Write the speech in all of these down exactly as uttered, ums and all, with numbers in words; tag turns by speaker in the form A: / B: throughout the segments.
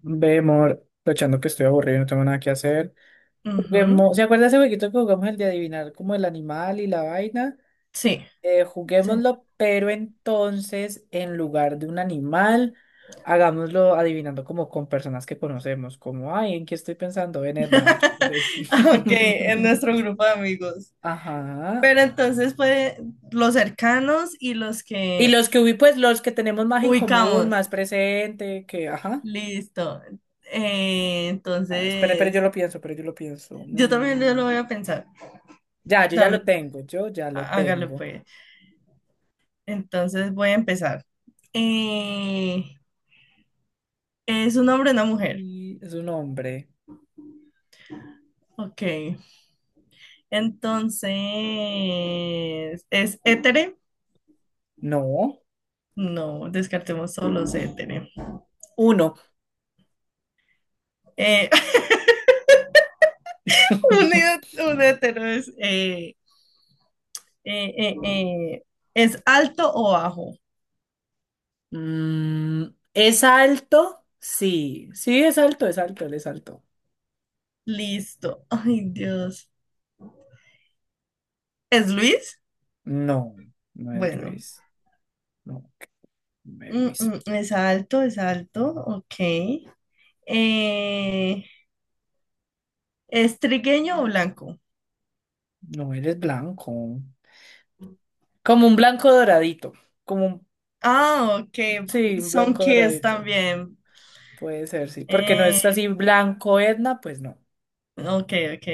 A: Ve, amor, aprovechando que estoy aburrido y no tengo nada que hacer.
B: Ujú,
A: Juguemos, ¿se acuerda ese jueguito que jugamos el de adivinar como el animal y la vaina?
B: sí,
A: Eh,
B: sí.
A: juguémoslo, pero entonces en lugar de un animal, hagámoslo adivinando como con personas que conocemos, como, ay, ¿en qué estoy pensando? En Edna. yo qué sé.
B: Ok, en nuestro grupo de amigos.
A: Ajá.
B: Pero entonces, pues, los cercanos y los
A: Y
B: que
A: los que hubo, pues los que tenemos más en común,
B: ubicamos.
A: más presente, que, ajá.
B: Listo. Eh,
A: Ah, espere, espere, yo lo
B: entonces,
A: pienso, pero yo lo pienso.
B: yo también, yo
A: Mm,
B: lo voy a pensar.
A: Ya, yo ya lo
B: También,
A: tengo, yo ya lo
B: há- hágale
A: tengo.
B: pues. Entonces, voy a empezar. Eh, ¿Es un hombre o una mujer?
A: Y es un hombre.
B: Ok. Entonces, ¿es hétero?
A: No,
B: No, descartemos solo los héteros.
A: uno.
B: Eh, Unido un hétero es, eh, eh, eh, eh, ¿es alto o bajo?
A: Mm, ¿Es alto? Sí, sí, es alto, es alto, él es alto.
B: Listo. Ay, Dios. ¿Es Luis?
A: No, no es
B: Bueno,
A: Luis. No, no es
B: Mm,
A: Luis.
B: mm, es alto, es alto. Ok. Eh, ¿Es trigueño o blanco?
A: No, él es blanco. Como un blanco doradito. Como un,
B: Ah, ok.
A: sí, un
B: Son
A: blanco
B: kids
A: doradito.
B: también.
A: Puede ser, sí. Porque no es
B: Eh,
A: así blanco Edna, pues no.
B: ok, ok.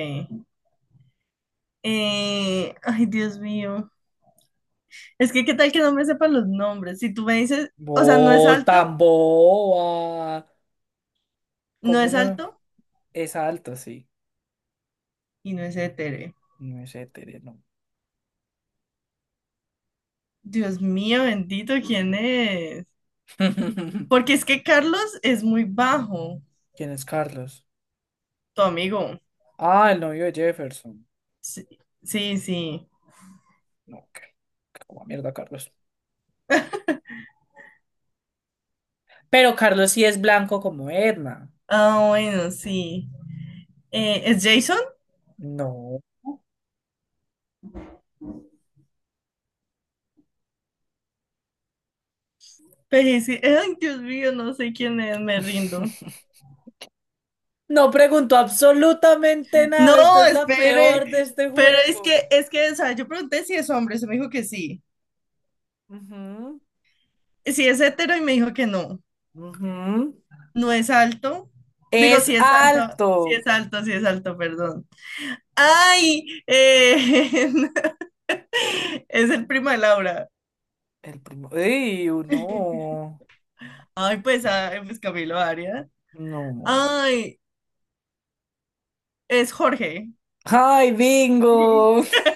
B: Eh, ay, Dios mío. Es que, ¿qué tal que no me sepan los nombres? Si tú me dices, o sea, no es
A: Voy
B: alto,
A: tan boba.
B: no
A: ¿Como
B: es
A: no?
B: alto
A: Es alto, sí.
B: y no es hetero.
A: No es hétero, no.
B: Dios mío, bendito, ¿quién es? Porque es que Carlos es muy bajo,
A: ¿Quién es Carlos?
B: tu amigo.
A: Ah, el novio de Jefferson.
B: Sí, sí.
A: No, qué, qué como mierda, Carlos. Pero Carlos sí es blanco como Edna.
B: Ah, bueno, sí. Eh, ¿es Jason?
A: No.
B: Pero es que- ay, Dios mío, no sé quién es, me rindo.
A: No preguntó absolutamente nada. Usted
B: No,
A: es la
B: espere.
A: peor de este
B: Pero es
A: juego.
B: que, es que, o sea, yo pregunté si es hombre, se me dijo que sí.
A: Ujú,
B: Si es hetero y me dijo que no.
A: ujú.
B: No es alto. Digo,
A: Es
B: si es alto, si es
A: alto.
B: alto, si es alto, perdón. Ay, eh, es el primo de Laura.
A: El primo. ¡Ey, no!
B: Ay, pues, ah, pues Camilo Arias.
A: No.
B: Ay, es Jorge.
A: ¡Ay, bingo!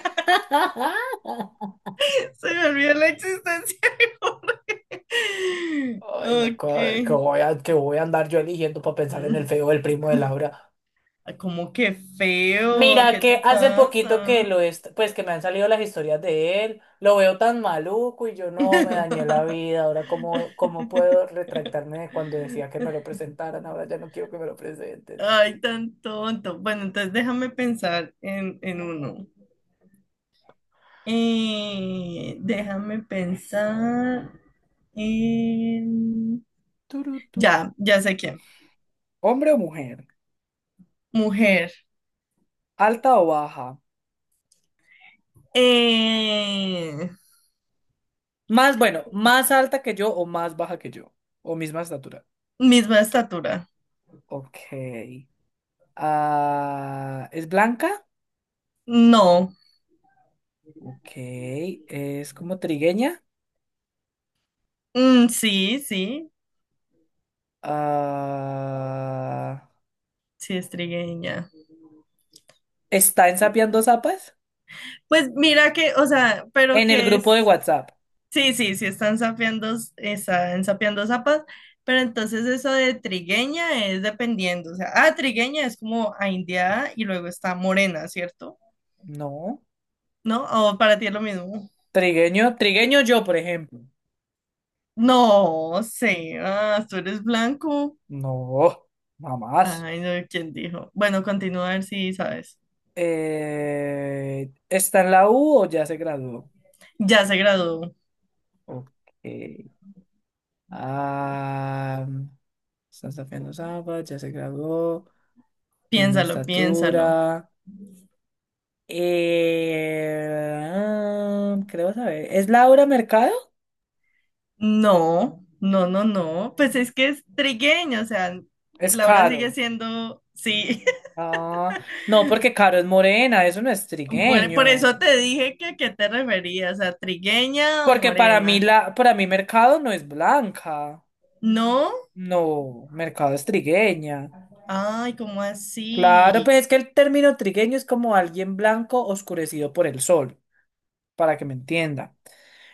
B: Se me olvidó la existencia de Jorge.
A: Ay, no, ¿qué, qué
B: Ok.
A: voy a, que voy a andar yo eligiendo para pensar en
B: Mm,
A: el feo del primo de Laura?
B: ah, que feo,
A: Mira
B: ¿qué
A: que
B: te
A: hace poquito
B: pasa?
A: que lo est- pues que me han salido las historias de él, lo veo tan maluco y yo no me dañé la vida, ahora cómo, cómo puedo retractarme de cuando decía que me lo presentaran, ahora ya no quiero que me lo presenten.
B: Ay, tan tonto. Bueno, entonces déjame pensar en, en uno. Eh, déjame pensar en...
A: Turu, tu, tu.
B: Ya, ya sé quién.
A: ¿Hombre o mujer?
B: Mujer.
A: ¿Alta o baja?
B: Eh,
A: Más, bueno, más alta que yo o más baja que yo. O misma estatura.
B: Misma estatura.
A: Ok. Ah, ¿es blanca?
B: No.
A: Ok. ¿Es como trigueña?
B: Mm, sí, sí,
A: Ah.
B: sí es trigueña.
A: ¿Está en Sapeando Zapas?
B: Pues mira que, o sea, pero
A: En el
B: que
A: grupo de
B: es,
A: WhatsApp.
B: sí, sí, sí están sapeando, están sapeando zapas, pero entonces eso de trigueña es dependiendo, o sea, ah, trigueña es como a indiada y luego está morena, ¿cierto?
A: No.
B: ¿No? ¿O para ti es lo mismo?
A: Trigueño, trigueño yo, por ejemplo.
B: No sé, ah, tú eres blanco.
A: No, mamás.
B: Ay, no, ¿quién dijo? Bueno, continúa a ver si sabes.
A: Eh, ¿está en la U o ya se graduó?
B: Ya se graduó.
A: Ok. Ah, está en Sapeando Zapas, ya se graduó. Misma
B: Piénsalo, piénsalo.
A: estatura. Eh, ah, creo saber. ¿Es Laura Mercado?
B: No, no, no, no. Pues es que es trigueño, o sea,
A: Es
B: Laura sigue
A: caro.
B: siendo, sí.
A: Ah, no, porque Caro es morena, eso no es
B: Bueno, por
A: trigueño.
B: eso te dije que a qué te referías, a trigueña o
A: Porque para mí
B: morena.
A: la, para mí Mercado no es blanca.
B: No,
A: No, Mercado es trigueña.
B: ay, ¿cómo
A: Claro,
B: así?
A: pues es que el término trigueño es como alguien blanco oscurecido por el sol, para que me entienda.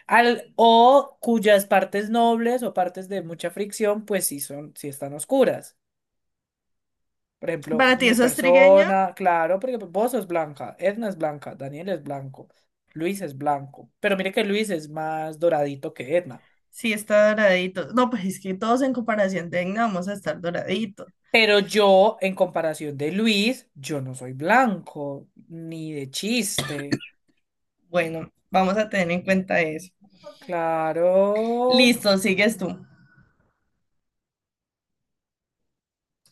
A: Al, o cuyas partes nobles o partes de mucha fricción, pues sí son, sí están oscuras. Por ejemplo,
B: ¿Para ti
A: mi
B: eso es trigueño?
A: persona, claro, porque vos sos blanca, Edna es blanca, Daniel es blanco, Luis es blanco. Pero mire que Luis es más doradito que Edna.
B: Sí, está doradito. No, pues es que todos en comparación tenga, vamos a estar doraditos.
A: Pero yo, en comparación de Luis, yo no soy blanco, ni de chiste.
B: Bueno, vamos a tener en cuenta eso.
A: Claro.
B: Listo, sigues tú.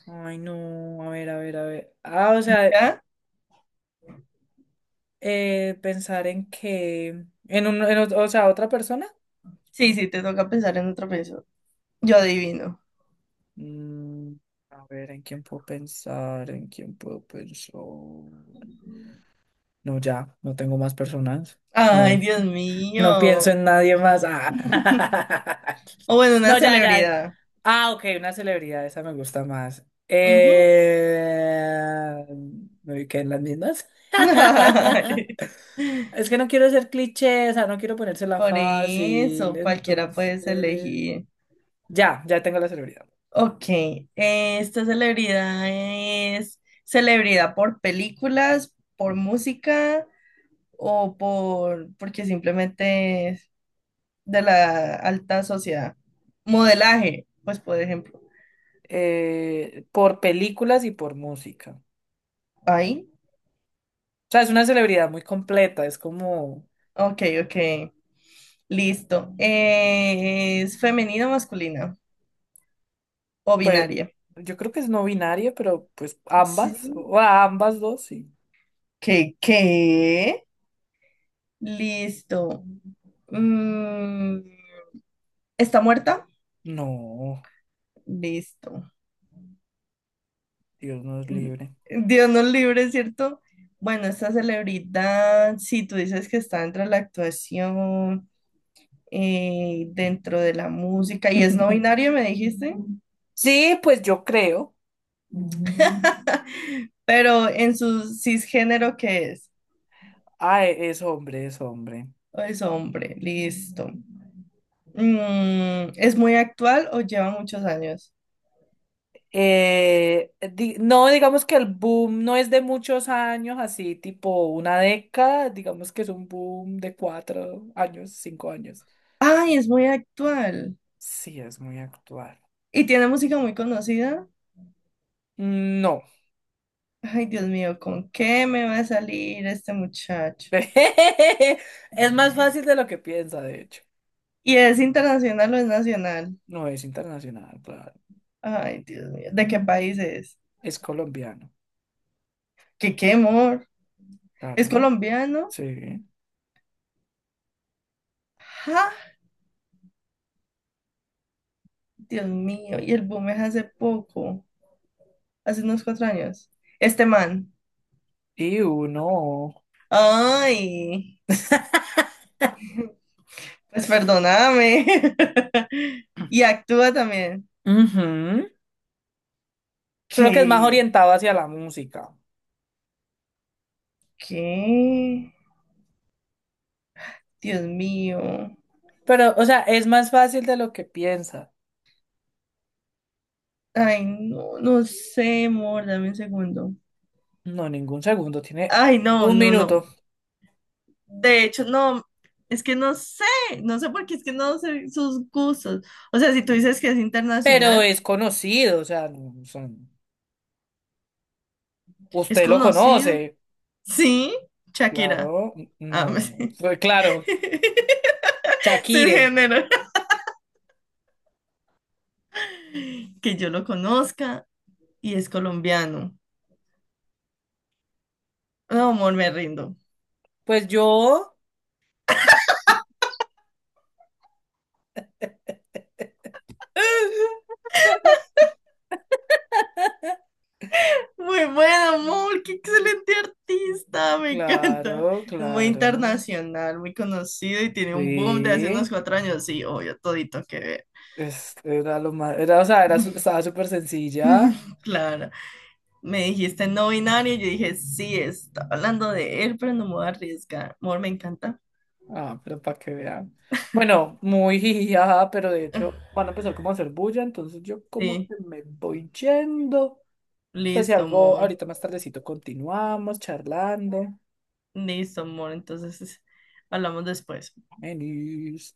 A: Ay, no, a ver, a ver, a ver. Ah, o sea,
B: ¿Ya?
A: eh, pensar en que... En un, en ot- O sea, otra persona.
B: Sí, sí, te toca pensar en otro peso. Yo adivino.
A: Mm, a ver, ¿en quién puedo pensar? ¿En quién puedo pensar? No, ya, no tengo más personas. No,
B: Ay, Dios
A: no pienso
B: mío.
A: en nadie más. Ah.
B: O bueno, una
A: No, ya, ya.
B: celebridad.
A: Ah, ok, una celebridad, esa me gusta más.
B: Ujú.
A: Eh... Me ubiqué en las mismas.
B: Ay.
A: Es que no quiero ser cliché, o sea, no quiero ponérsela
B: Por
A: fácil,
B: eso, cualquiera puedes
A: entonces...
B: elegir.
A: Ya, ya tengo la celebridad.
B: Ok, esta celebridad es celebridad por películas, por música o por porque simplemente es de la alta sociedad. Modelaje, pues por ejemplo.
A: Eh, por películas y por música. O
B: Ahí.
A: sea, es una celebridad muy completa, es como...
B: Ok, ok. Listo. Eh, ¿es femenina o masculina o
A: Pues
B: binaria?
A: yo creo que es no binaria, pero pues ambas,
B: Sí.
A: o a ambas dos, sí.
B: ¿Qué? ¿Qué? Listo. Mm, ¿está muerta?
A: No,
B: Listo.
A: Dios nos
B: Mm,
A: libre.
B: Dios nos libre, ¿cierto? Bueno, esta celebridad, si tú dices que está dentro de la actuación, eh, dentro de la música, y es no binario, me dijiste,
A: Sí, pues yo creo.
B: pero en su cisgénero, ¿qué es?
A: Ah, e- es hombre, es hombre.
B: O es hombre, listo. Mm, ¿es muy actual o lleva muchos años?
A: Eh, di- no, digamos que el boom no es de muchos años, así tipo una década, digamos que es un boom de cuatro años, cinco años.
B: Ay, es muy actual.
A: Sí, es muy actual.
B: Y tiene música muy conocida.
A: No.
B: Ay, Dios mío, ¿con qué me va a salir este muchacho?
A: Es más fácil de lo que piensa, de hecho.
B: ¿Y es internacional o es nacional?
A: No es internacional, claro.
B: Ay, Dios mío, ¿de qué país es?
A: Es colombiano.
B: ¿Qué, qué amor? ¿Es
A: Claro,
B: colombiano?
A: sí.
B: ¡Ja! Dios mío, y el boom es hace poco, hace unos cuatro años. Este man.
A: Y uno.
B: Ay, pues perdóname. Y actúa también.
A: Ujú. Solo que es más
B: ¿Qué?
A: orientado hacia la música.
B: ¿Qué? Dios mío.
A: Pero, o sea, es más fácil de lo que piensa.
B: Ay, no, no sé, amor, dame un segundo.
A: No, ningún segundo, tiene
B: Ay, no,
A: un
B: no, no.
A: minuto.
B: De hecho, no, es que no sé, no sé por qué es que no sé sus gustos. O sea, si tú dices que es
A: Pero
B: internacional,
A: es conocido, o sea, no, son-
B: es
A: usted lo
B: conocido.
A: conoce.
B: Sí, Shakira.
A: Claro,
B: Ah,
A: no.
B: sí.
A: Fue Claro, Shakire.
B: Cisgénero. Que yo lo conozca y es colombiano. No, amor, me rindo.
A: Pues yo.
B: Muy buen amor, qué excelente artista, me encanta.
A: Claro,
B: Es muy
A: claro.
B: internacional, muy conocido y tiene un boom de hace unos
A: Sí.
B: cuatro años. Sí, obvio, todito que ver.
A: Es- era lo más, era, o sea, era, su- estaba súper sencilla.
B: Claro, me dijiste no binario, yo dije sí, está hablando de él, pero no me voy a arriesgar. Amor, me encanta.
A: Ah, pero para que vean. Bueno, muy jiji, ajá, pero de hecho van a empezar como a hacer bulla, entonces yo como
B: Sí,
A: que me voy yendo. Pues si
B: listo,
A: algo,
B: amor.
A: ahorita más tardecito continuamos charlando.
B: Listo, amor. Entonces, hablamos después.
A: Venís.